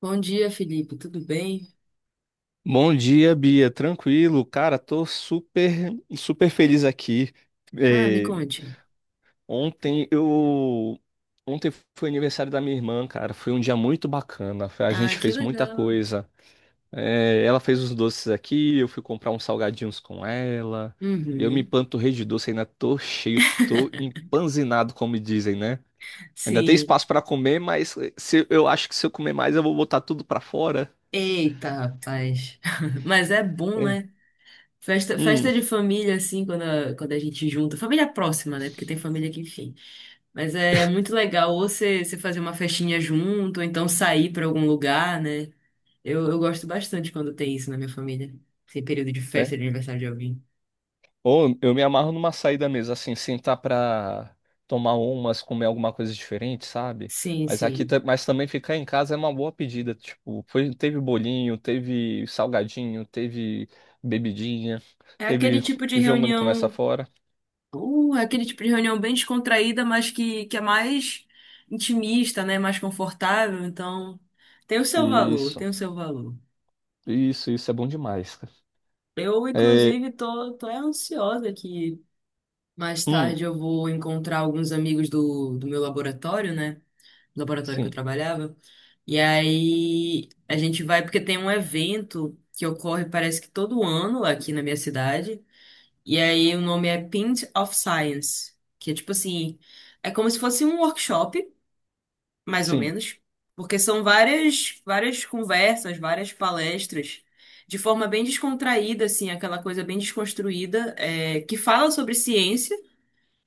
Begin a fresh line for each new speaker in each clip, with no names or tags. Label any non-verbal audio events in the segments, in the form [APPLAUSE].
Bom dia, Felipe. Tudo bem?
Bom dia, Bia. Tranquilo, cara, tô super, super feliz aqui.
Ah, me
É,
conte.
ontem eu, ontem foi aniversário da minha irmã, cara. Foi um dia muito bacana. A
Ah,
gente
que
fez muita
legal.
coisa. É, ela fez os doces aqui, eu fui comprar uns salgadinhos com ela. Eu me
Uhum.
empanturrei de doce, ainda tô cheio, tô
[LAUGHS]
empanzinado, como dizem, né? Ainda tem
Sim.
espaço pra comer, mas se, eu acho que se eu comer mais, eu vou botar tudo pra fora.
Eita, rapaz. [LAUGHS] Mas é bom,
É.
né? Festa,
Hum.
festa de família, assim, quando a gente junta. Família próxima, né? Porque tem família que, enfim. Mas é muito legal ou você fazer uma festinha junto, ou então sair para algum lugar, né? Eu gosto bastante quando tem isso na minha família. Esse período de
É.
festa de aniversário de alguém.
Ou eu me amarro numa saída mesmo, assim, sentar pra tomar umas, comer alguma coisa diferente, sabe?
Sim,
Mas aqui,
sim.
também ficar em casa é uma boa pedida, tipo, foi, teve bolinho, teve salgadinho, teve bebidinha,
É aquele
teve
tipo de
jogando começa
reunião.
fora.
É aquele tipo de reunião bem descontraída, mas que é mais intimista, né? Mais confortável. Então, tem o seu valor,
Isso,
tem o seu valor.
isso é bom demais, cara.
Eu,
É,
inclusive, tô é ansiosa que mais
hum,
tarde eu vou encontrar alguns amigos do meu laboratório, né? Laboratório que eu
sim,
trabalhava. E aí a gente vai, porque tem um evento que ocorre, parece que todo ano aqui na minha cidade. E aí o nome é Pint of Science, que é tipo assim. É como se fosse um workshop, mais ou
sim,
menos, porque são várias conversas, várias palestras, de forma bem descontraída, assim, aquela coisa bem desconstruída, é, que fala sobre ciência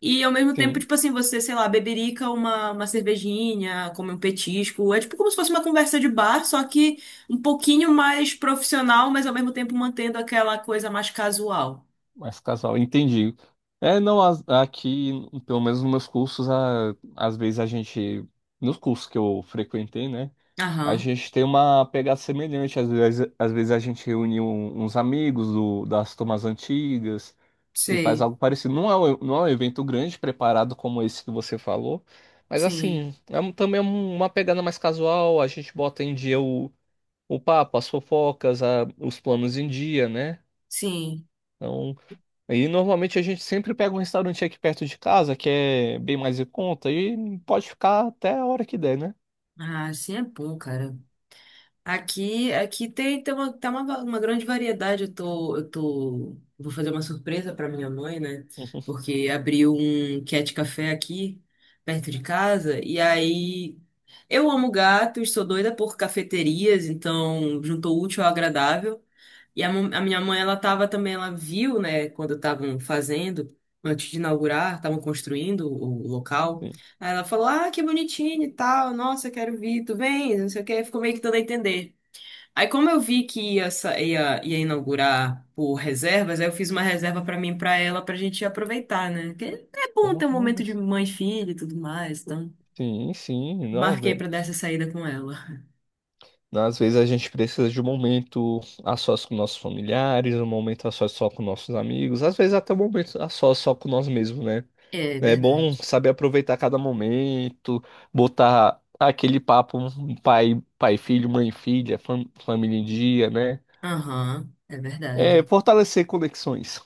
e ao mesmo tempo,
sim,
tipo assim, você, sei lá, beberica uma cervejinha, come um petisco, é tipo como se fosse uma conversa de bar, só que um pouquinho mais profissional, mas ao mesmo tempo mantendo aquela coisa mais casual.
mas casal, entendi. É, não, aqui, pelo menos nos meus cursos, às vezes a gente, nos cursos que eu frequentei, né? A
Aham,
gente tem uma pegada semelhante, às vezes a gente reúne uns amigos das turmas antigas e faz
sei,
algo parecido. Não é um evento grande preparado como esse que você falou, mas
sim,
assim, também uma pegada mais casual, a gente bota em dia o papo, as fofocas, os planos em dia, né?
sim.
Então, aí normalmente a gente sempre pega um restaurante aqui perto de casa, que é bem mais em conta, e pode ficar até a hora que der, né?
Ah, sim é bom, cara. Aqui tem uma, tá uma, va- uma grande variedade. Eu vou fazer uma surpresa para minha mãe, né?
[LAUGHS]
Porque abriu um cat café aqui perto de casa e aí eu amo gatos, sou doida por cafeterias, então juntou o útil ao agradável. E a minha mãe, ela tava também, ela viu, né, quando estavam fazendo, antes de inaugurar, estavam construindo o local.
Sim.
Aí ela falou: "Ah, que bonitinho e tal. Nossa, quero vir. Tu vem?" Não sei o que ficou meio que dando a entender. Aí, como eu vi que ia inaugurar por reservas, aí eu fiz uma reserva pra mim e pra ela pra gente aproveitar, né? Que é bom ter
Olha.
um momento de mãe e filha e tudo mais, então
Sim, sim, não,
marquei
né?
pra dar essa saída com ela.
Às vezes a gente precisa de um momento a sós com nossos familiares, um momento a sós só com nossos amigos, às vezes até um momento a sós só com nós mesmos, né?
É
É bom
verdade.
saber aproveitar cada momento, botar aquele papo um pai, e filho, mãe, e filha, família em dia, né?
Aham, é
É
verdade.
fortalecer conexões.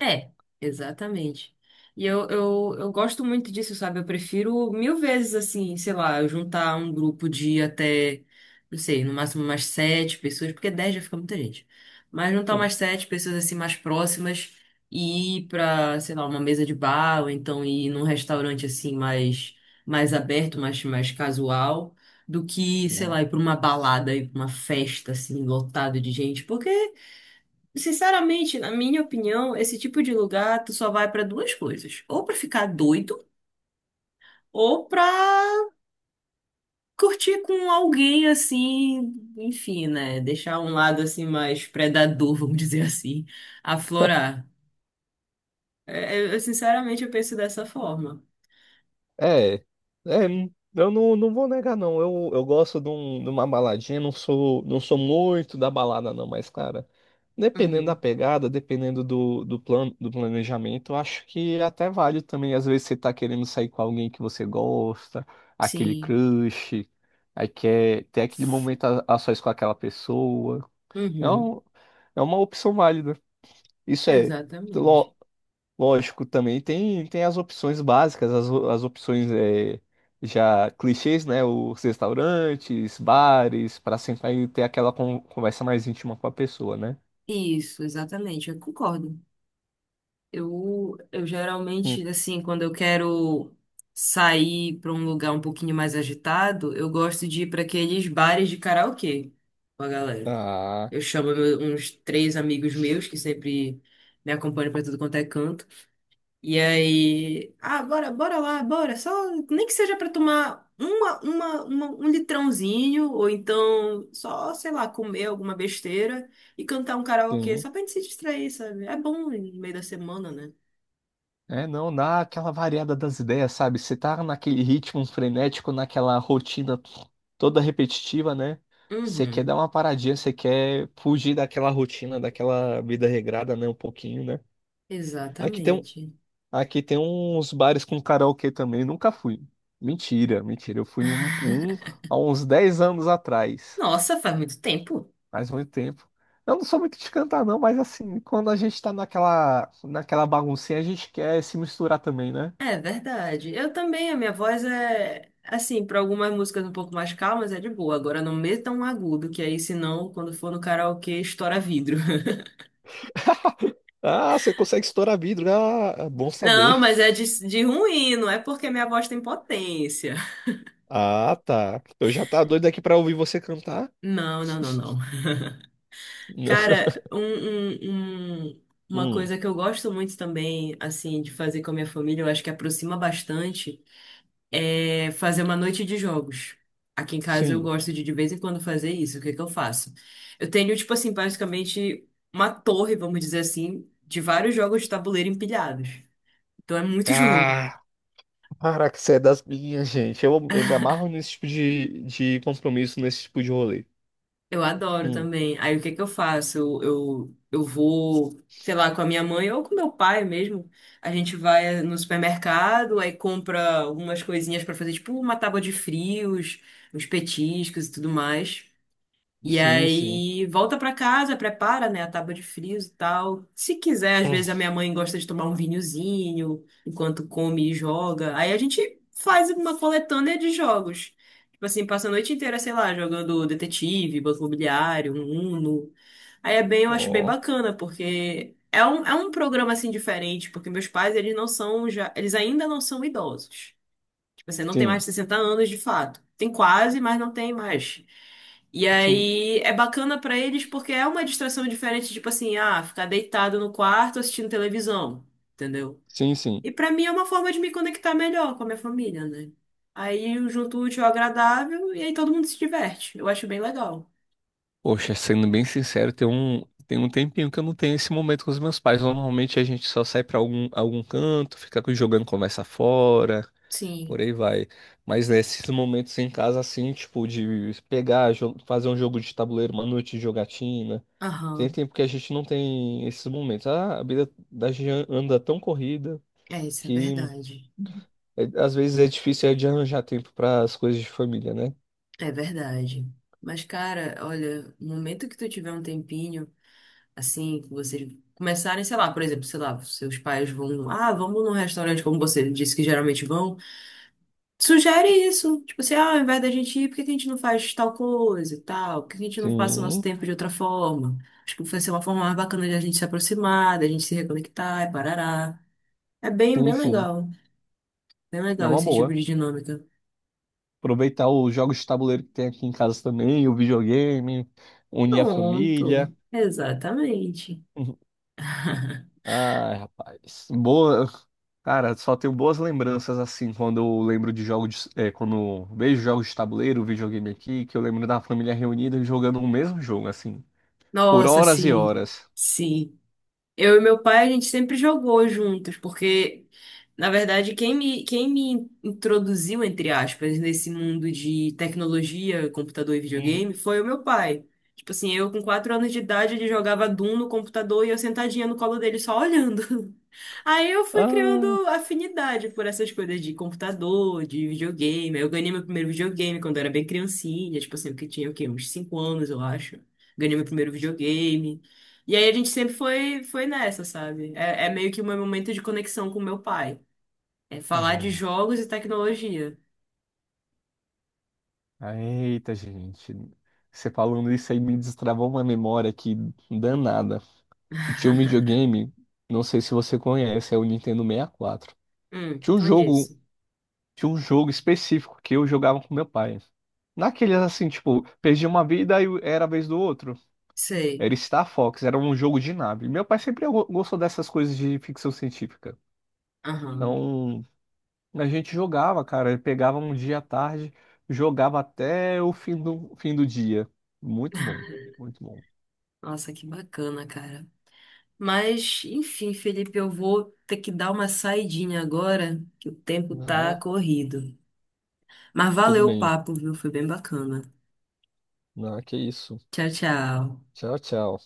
É, exatamente. E eu gosto muito disso, sabe? Eu prefiro mil vezes, assim, sei lá, eu juntar um grupo de até, não sei, no máximo umas sete pessoas, porque dez já fica muita gente. Mas juntar
Sim,
umas sete pessoas, assim, mais próximas e ir pra, sei lá, uma mesa de bar, ou então ir num restaurante, assim, mais, mais aberto, mais, mais casual, do que,
sim.
sei lá, ir pra uma balada, ir pra uma festa, assim, lotado de gente, porque. Sinceramente, na minha opinião, esse tipo de lugar tu só vai pra duas coisas: ou pra ficar doido, ou pra curtir com alguém assim, enfim, né? Deixar um lado assim mais predador, [LAUGHS] vamos dizer assim, aflorar. É, sinceramente eu penso dessa forma.
É, é, eu não vou negar, não. Eu gosto de uma baladinha, não sou muito da balada, não, mas, cara, dependendo da
Uhum.
pegada, dependendo do plano, do planejamento, eu acho que até vale também. Às vezes você tá querendo sair com alguém que você gosta, aquele
Sim.
crush, aí quer ter aquele momento a sós com aquela pessoa. É.
Uhum.
Não, é uma opção válida. Isso é.
Exatamente.
Lógico, também tem as opções básicas, as opções já clichês, né? Os restaurantes, bares, para sentar e ter aquela conversa mais íntima com a pessoa, né?
Isso, exatamente. Eu concordo. Eu
Hum.
geralmente, assim, quando eu quero sair para um lugar um pouquinho mais agitado, eu gosto de ir para aqueles bares de karaokê com a galera.
Ah,
Eu chamo uns três amigos meus que sempre me acompanham para tudo quanto é canto. E aí, ah, bora, bora lá, bora, só nem que seja para tomar uma, um litrãozinho ou então só, sei lá, comer alguma besteira e cantar um karaokê
sim.
só pra gente se distrair, sabe? É bom no meio da semana, né?
É, não, dá aquela variada das ideias, sabe? Você tá naquele ritmo frenético, naquela rotina toda repetitiva, né? Você quer dar
Uhum,
uma paradinha, você quer fugir daquela rotina, daquela vida regrada, né? Um pouquinho, né? Aqui tem um,
exatamente.
Aqui tem uns bares com karaokê também, nunca fui. Mentira, mentira. Eu fui em um há uns 10 anos atrás,
Nossa, faz muito tempo.
faz muito tempo. Eu não sou muito de cantar, não, mas assim, quando a gente tá naquela, naquela baguncinha, a gente quer se misturar também, né?
É verdade. Eu também, a minha voz é assim, para algumas músicas um pouco mais calmas é de boa. Agora não meta um agudo, que aí senão quando for no karaokê estoura vidro. [LAUGHS]
Ah, você consegue estourar vidro. Ah, é bom saber.
Não, mas é de ruim, não é porque minha voz tem potência.
Ah, tá. Eu já tá doido aqui pra ouvir você cantar.
Não, não, não, não.
[LAUGHS]
Cara, uma
Hum,
coisa que eu gosto muito também, assim, de fazer com a minha família, eu acho que aproxima bastante. É fazer uma noite de jogos. Aqui em casa eu
sim.
gosto de vez em quando fazer isso. O que que eu faço? Eu tenho, tipo assim, basicamente uma torre, vamos dizer assim, de vários jogos de tabuleiro empilhados. Então é muito [LAUGHS] jogo.
Ah, para que você é das minhas, gente. Eu me amarro nesse tipo de compromisso, nesse tipo de rolê.
Eu adoro
Hum.
também. Aí o que que eu faço? Eu vou, sei lá, com a minha mãe ou com meu pai mesmo. A gente vai no supermercado, aí compra algumas coisinhas pra fazer, tipo uma tábua de frios, uns petiscos e tudo mais. E
Sim, sim.
aí volta pra casa, prepara, né, a tábua de frios e tal. Se quiser, às
Hum.
vezes a minha mãe gosta de tomar um vinhozinho enquanto come e joga. Aí a gente faz uma coletânea de jogos. Tipo assim, passa a noite inteira, sei lá, jogando detetive, banco imobiliário, um Uno. Aí é bem, eu acho bem
Ó,
bacana, porque é um programa assim diferente, porque meus pais, eles ainda não são idosos. Você não tem mais
sim,
de 60 anos de fato. Tem quase, mas não tem mais. E
sim,
aí é bacana pra eles porque é uma distração diferente, tipo assim, ah, ficar deitado no quarto assistindo televisão, entendeu?
sim, sim.
E pra mim é uma forma de me conectar melhor com a minha família, né? Aí eu junto o útil ao agradável e aí todo mundo se diverte. Eu acho bem legal.
Poxa, sendo bem sincero, tem um tempinho que eu não tenho esse momento com os meus pais. Normalmente a gente só sai pra algum canto, fica jogando conversa fora,
Sim.
por aí vai. Mas nesses momentos em casa, assim, tipo, de fazer um jogo de tabuleiro, uma noite de jogatina. Tem
Aham.
tempo que a gente não tem esses momentos. Ah, a vida da gente anda tão corrida
É, isso é
que
verdade.
às vezes é difícil é de arranjar tempo para as coisas de família, né?
É verdade. Mas, cara, olha, no momento que tu tiver um tempinho, assim, que vocês começarem, sei lá, por exemplo, sei lá, seus pais vão, ah, vamos num restaurante como você disse que geralmente vão. Sugere isso, tipo assim, ah, ao invés da gente ir, por que que a gente não faz tal coisa e tal? Por que que a gente não passa o nosso
Sim,
tempo de outra forma? Acho que vai ser uma forma mais bacana de a gente se aproximar, da gente se reconectar e parará. É bem,
sim,
bem
sim.
legal. Bem
É
legal
uma
esse tipo
boa.
de dinâmica.
Aproveitar os jogos de tabuleiro que tem aqui em casa também, o videogame, unir a
Pronto.
família. [LAUGHS]
Exatamente.
Uhum. Ai, rapaz. Boa. Cara, só tenho boas lembranças assim quando eu lembro de jogos de, quando eu vejo jogos de tabuleiro, videogame aqui, que eu lembro da família reunida jogando o mesmo jogo, assim, por
Nossa,
horas e
sim.
horas.
Sim. Eu e meu pai, a gente sempre jogou juntos, porque, na verdade, quem me introduziu, entre aspas, nesse mundo de tecnologia, computador e
Uhum.
videogame foi o meu pai. Tipo assim, eu com 4 anos de idade, ele jogava Doom no computador e eu sentadinha no colo dele só olhando. Aí eu fui criando
Ah,
afinidade por essas coisas de computador, de videogame. Eu ganhei meu primeiro videogame quando eu era bem criancinha, tipo assim, que tinha o quê? Uns 5 anos, eu acho. Ganhei meu primeiro videogame. E aí a gente sempre foi nessa, sabe? É, é meio que o meu momento de conexão com meu pai. É falar de
é.
jogos e tecnologia.
Ah, eita, gente. Você falando isso aí me destravou uma memória aqui danada. Tinha um videogame, não sei se você conhece, é o Nintendo 64. Tinha um
Então é
jogo,
isso.
tinha um jogo específico que eu jogava com meu pai. Naqueles assim, tipo, perdi uma vida e era a vez do outro.
Sei.
Era Star Fox, era um jogo de nave. Meu pai sempre gostou dessas coisas de ficção científica.
Aham.
Então, a gente jogava, cara, pegava um dia à tarde, jogava até o fim do dia. Muito bom, muito bom.
Nossa, que bacana, cara. Mas, enfim, Felipe, eu vou ter que dar uma saidinha agora, que o tempo tá
Ah,
corrido. Mas
tudo
valeu o
bem.
papo, viu? Foi bem bacana.
Ah, que isso.
Tchau, tchau.
Tchau, tchau.